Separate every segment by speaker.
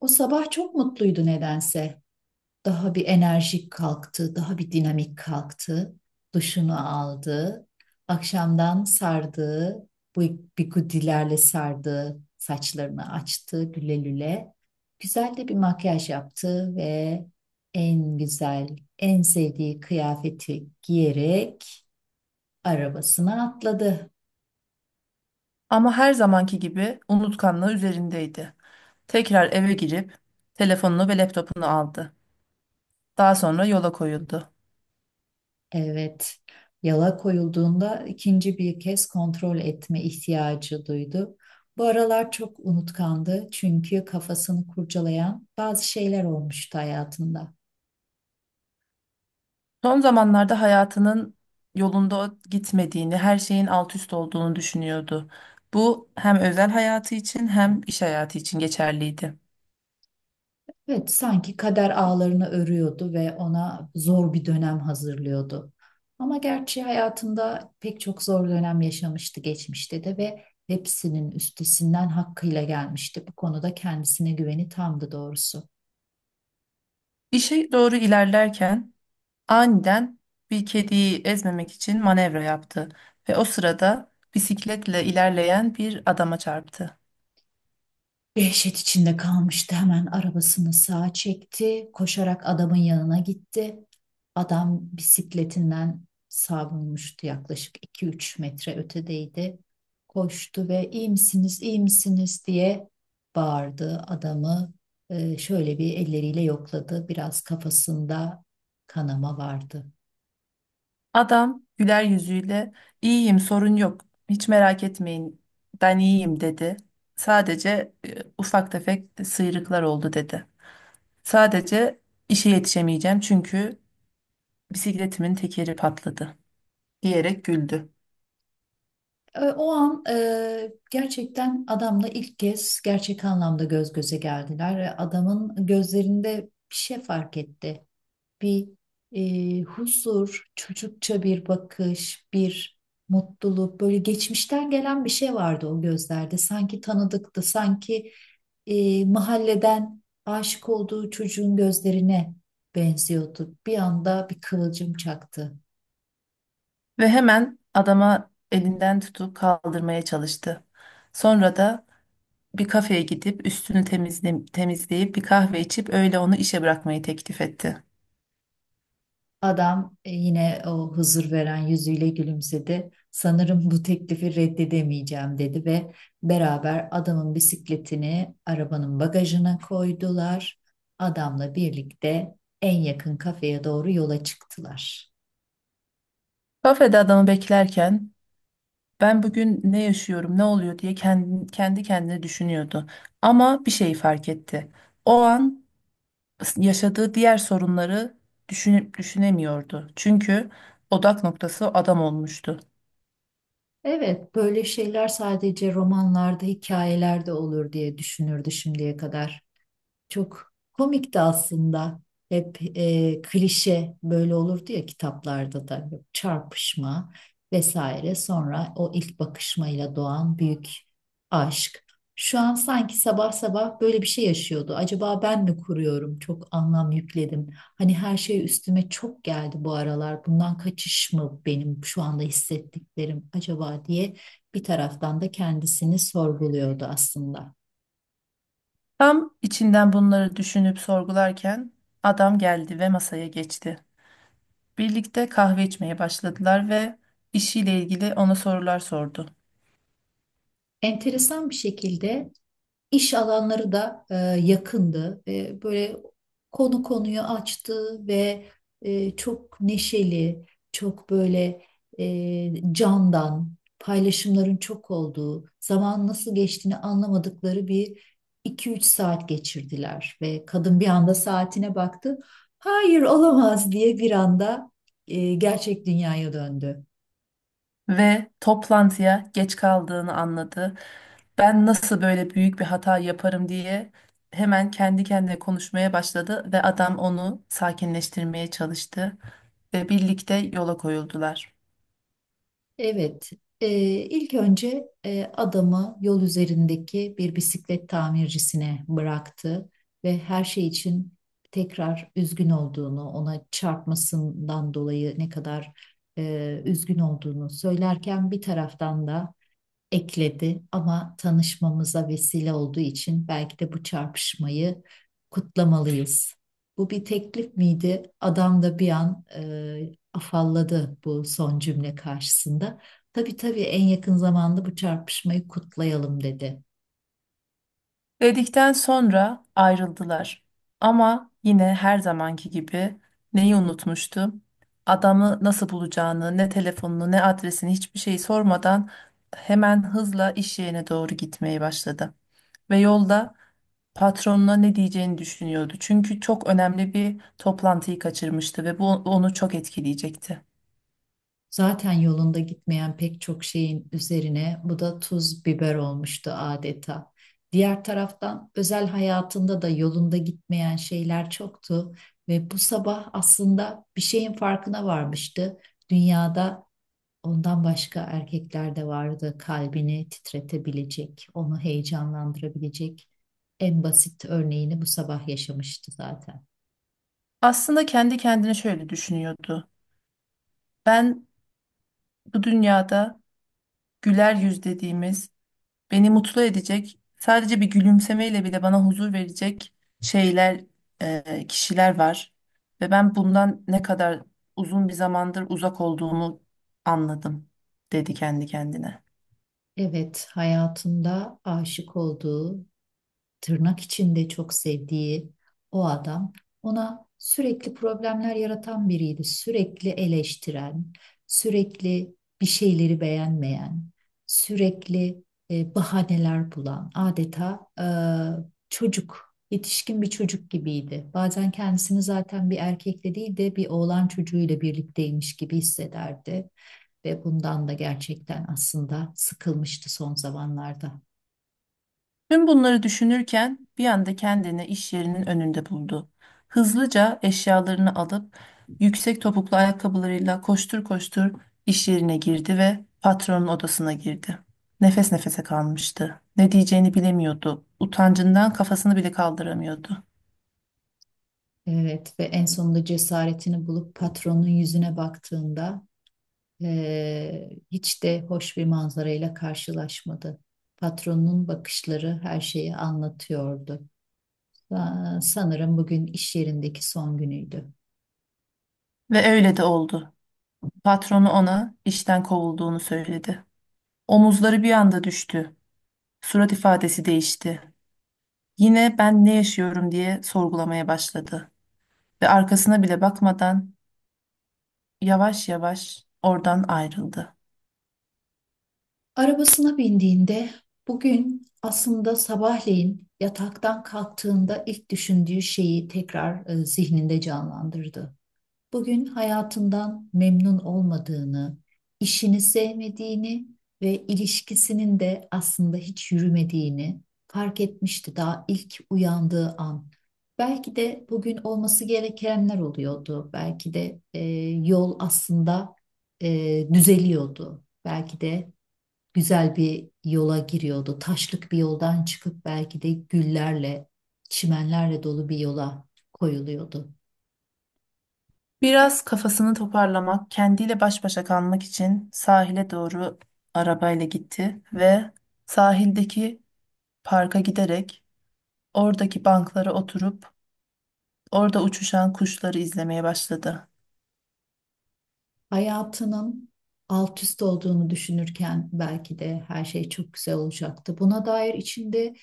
Speaker 1: O sabah çok mutluydu nedense. Daha bir enerjik kalktı, daha bir dinamik kalktı. Duşunu aldı. Akşamdan sardığı, bu bigudilerle sardığı saçlarını açtı lüle lüle. Güzel de bir makyaj yaptı ve en güzel, en sevdiği kıyafeti giyerek arabasına atladı.
Speaker 2: Ama her zamanki gibi unutkanlığı üzerindeydi. Tekrar eve girip telefonunu ve laptopunu aldı. Daha sonra yola koyuldu.
Speaker 1: Evet, yala koyulduğunda ikinci bir kez kontrol etme ihtiyacı duydu. Bu aralar çok unutkandı çünkü kafasını kurcalayan bazı şeyler olmuştu hayatında.
Speaker 2: Son zamanlarda hayatının yolunda gitmediğini, her şeyin alt üst olduğunu düşünüyordu. Bu hem özel hayatı için hem iş hayatı için geçerliydi.
Speaker 1: Evet, sanki kader ağlarını örüyordu ve ona zor bir dönem hazırlıyordu. Ama gerçi hayatında pek çok zor dönem yaşamıştı geçmişte de ve hepsinin üstesinden hakkıyla gelmişti. Bu konuda kendisine güveni tamdı doğrusu.
Speaker 2: İşe doğru ilerlerken aniden bir kediyi ezmemek için manevra yaptı ve o sırada bisikletle ilerleyen bir adama çarptı.
Speaker 1: Dehşet içinde kalmıştı. Hemen arabasını sağa çekti. Koşarak adamın yanına gitti. Adam bisikletinden savrulmuştu. Yaklaşık 2-3 metre ötedeydi. Koştu ve iyi misiniz, iyi misiniz diye bağırdı. Adamı şöyle bir elleriyle yokladı. Biraz kafasında kanama vardı.
Speaker 2: Adam güler yüzüyle, iyiyim sorun yok, hiç merak etmeyin, ben iyiyim," dedi. "Sadece ufak tefek sıyrıklar oldu," dedi. "Sadece işe yetişemeyeceğim çünkü bisikletimin tekeri patladı," diyerek güldü.
Speaker 1: O an gerçekten adamla ilk kez gerçek anlamda göz göze geldiler. Ve adamın gözlerinde bir şey fark etti. Bir huzur, çocukça bir bakış, bir mutluluk, böyle geçmişten gelen bir şey vardı o gözlerde. Sanki tanıdıktı, sanki mahalleden aşık olduğu çocuğun gözlerine benziyordu. Bir anda bir kıvılcım çaktı.
Speaker 2: Ve hemen adama elinden tutup kaldırmaya çalıştı. Sonra da bir kafeye gidip üstünü temizleyip bir kahve içip öyle onu işe bırakmayı teklif etti.
Speaker 1: Adam yine o huzur veren yüzüyle gülümsedi. Sanırım bu teklifi reddedemeyeceğim dedi ve beraber adamın bisikletini arabanın bagajına koydular. Adamla birlikte en yakın kafeye doğru yola çıktılar.
Speaker 2: Kafede adamı beklerken, "Ben bugün ne yaşıyorum, ne oluyor?" diye kendi kendine düşünüyordu. Ama bir şey fark etti. O an yaşadığı diğer sorunları düşünüp düşünemiyordu. Çünkü odak noktası adam olmuştu.
Speaker 1: Evet, böyle şeyler sadece romanlarda, hikayelerde olur diye düşünürdü şimdiye kadar. Çok komikti aslında. Hep klişe böyle olurdu ya kitaplarda da çarpışma vesaire. Sonra o ilk bakışmayla doğan büyük aşk. Şu an sanki sabah sabah böyle bir şey yaşıyordu. Acaba ben mi kuruyorum? Çok anlam yükledim. Hani her şey üstüme çok geldi bu aralar. Bundan kaçış mı benim şu anda hissettiklerim acaba diye bir taraftan da kendisini sorguluyordu aslında.
Speaker 2: Tam içinden bunları düşünüp sorgularken adam geldi ve masaya geçti. Birlikte kahve içmeye başladılar ve işiyle ilgili ona sorular sordu.
Speaker 1: Enteresan bir şekilde. İş alanları da yakındı ve böyle konu konuyu açtı ve çok neşeli, çok böyle candan, paylaşımların çok olduğu, zaman nasıl geçtiğini anlamadıkları bir 2-3 saat geçirdiler ve kadın bir anda saatine baktı. Hayır olamaz diye bir anda gerçek dünyaya döndü.
Speaker 2: Ve toplantıya geç kaldığını anladı. "Ben nasıl böyle büyük bir hata yaparım?" diye hemen kendi kendine konuşmaya başladı ve adam onu sakinleştirmeye çalıştı ve birlikte yola koyuldular.
Speaker 1: Evet, e, ilk önce adamı yol üzerindeki bir bisiklet tamircisine bıraktı ve her şey için tekrar üzgün olduğunu, ona çarpmasından dolayı ne kadar üzgün olduğunu söylerken bir taraftan da ekledi ama tanışmamıza vesile olduğu için belki de bu çarpışmayı kutlamalıyız. Bu bir teklif miydi? Adam da bir an afalladı bu son cümle karşısında. Tabii tabii en yakın zamanda bu çarpışmayı kutlayalım dedi.
Speaker 2: Dedikten sonra ayrıldılar. Ama yine her zamanki gibi neyi unutmuştu? Adamı nasıl bulacağını, ne telefonunu, ne adresini, hiçbir şey sormadan hemen hızla iş yerine doğru gitmeye başladı. Ve yolda patronuna ne diyeceğini düşünüyordu. Çünkü çok önemli bir toplantıyı kaçırmıştı ve bu onu çok etkileyecekti.
Speaker 1: Zaten yolunda gitmeyen pek çok şeyin üzerine bu da tuz biber olmuştu adeta. Diğer taraftan özel hayatında da yolunda gitmeyen şeyler çoktu ve bu sabah aslında bir şeyin farkına varmıştı. Dünyada ondan başka erkekler de vardı kalbini titretebilecek, onu heyecanlandırabilecek. En basit örneğini bu sabah yaşamıştı zaten.
Speaker 2: Aslında kendi kendine şöyle düşünüyordu: "Ben bu dünyada güler yüz dediğimiz, beni mutlu edecek, sadece bir gülümsemeyle bile bana huzur verecek şeyler, kişiler var. Ve ben bundan ne kadar uzun bir zamandır uzak olduğumu anladım," dedi kendi kendine.
Speaker 1: Evet, hayatında aşık olduğu tırnak içinde çok sevdiği o adam ona sürekli problemler yaratan biriydi. Sürekli eleştiren, sürekli bir şeyleri beğenmeyen, sürekli bahaneler bulan, adeta çocuk, yetişkin bir çocuk gibiydi. Bazen kendisini zaten bir erkekle değil de bir oğlan çocuğuyla birlikteymiş gibi hissederdi ve bundan da gerçekten aslında sıkılmıştı son zamanlarda.
Speaker 2: Tüm bunları düşünürken bir anda kendini iş yerinin önünde buldu. Hızlıca eşyalarını alıp yüksek topuklu ayakkabılarıyla koştur koştur iş yerine girdi ve patronun odasına girdi. Nefes nefese kalmıştı. Ne diyeceğini bilemiyordu. Utancından kafasını bile kaldıramıyordu.
Speaker 1: Evet ve en sonunda cesaretini bulup patronun yüzüne baktığında hiç de hoş bir manzarayla karşılaşmadı. Patronun bakışları her şeyi anlatıyordu. Sanırım bugün iş yerindeki son günüydü.
Speaker 2: Ve öyle de oldu. Patronu ona işten kovulduğunu söyledi. Omuzları bir anda düştü. Surat ifadesi değişti. Yine, "Ben ne yaşıyorum?" diye sorgulamaya başladı. Ve arkasına bile bakmadan yavaş yavaş oradan ayrıldı.
Speaker 1: Arabasına bindiğinde bugün aslında sabahleyin yataktan kalktığında ilk düşündüğü şeyi tekrar zihninde canlandırdı. Bugün hayatından memnun olmadığını, işini sevmediğini ve ilişkisinin de aslında hiç yürümediğini fark etmişti daha ilk uyandığı an. Belki de bugün olması gerekenler oluyordu. Belki de yol aslında düzeliyordu. Belki de güzel bir yola giriyordu. Taşlık bir yoldan çıkıp belki de güllerle, çimenlerle dolu bir yola koyuluyordu.
Speaker 2: Biraz kafasını toparlamak, kendiyle baş başa kalmak için sahile doğru arabayla gitti ve sahildeki parka giderek oradaki banklara oturup orada uçuşan kuşları izlemeye başladı.
Speaker 1: Hayatının alt üst olduğunu düşünürken belki de her şey çok güzel olacaktı. Buna dair içinde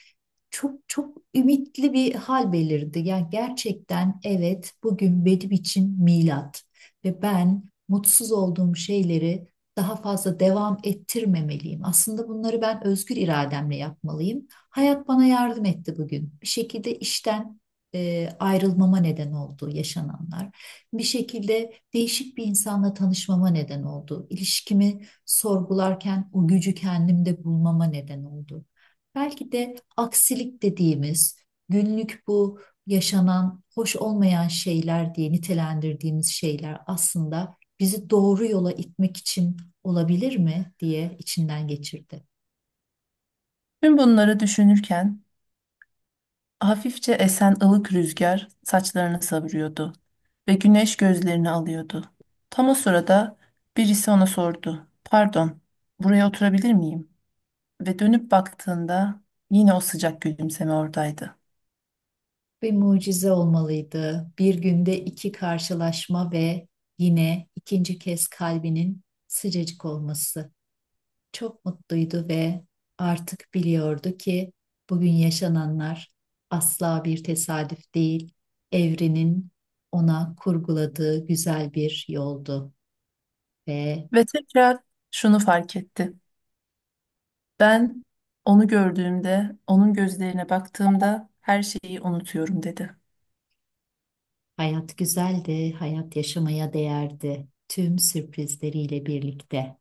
Speaker 1: çok çok ümitli bir hal belirdi. Yani gerçekten evet bugün benim için milat ve ben mutsuz olduğum şeyleri daha fazla devam ettirmemeliyim. Aslında bunları ben özgür irademle yapmalıyım. Hayat bana yardım etti bugün. Bir şekilde işten ayrılmama neden oldu yaşananlar. Bir şekilde değişik bir insanla tanışmama neden oldu. İlişkimi sorgularken o gücü kendimde bulmama neden oldu. Belki de aksilik dediğimiz günlük bu yaşanan hoş olmayan şeyler diye nitelendirdiğimiz şeyler aslında bizi doğru yola itmek için olabilir mi diye içinden geçirdi.
Speaker 2: Tüm bunları düşünürken hafifçe esen ılık rüzgar saçlarını savuruyordu ve güneş gözlerini alıyordu. Tam o sırada birisi ona sordu: "Pardon, buraya oturabilir miyim?" Ve dönüp baktığında yine o sıcak gülümseme oradaydı.
Speaker 1: Bir mucize olmalıydı. Bir günde iki karşılaşma ve yine ikinci kez kalbinin sıcacık olması. Çok mutluydu ve artık biliyordu ki bugün yaşananlar asla bir tesadüf değil, evrenin ona kurguladığı güzel bir yoldu ve
Speaker 2: Ve tekrar şunu fark etti. "Ben onu gördüğümde, onun gözlerine baktığımda her şeyi unutuyorum," dedi.
Speaker 1: hayat güzeldi, hayat yaşamaya değerdi tüm sürprizleriyle birlikte.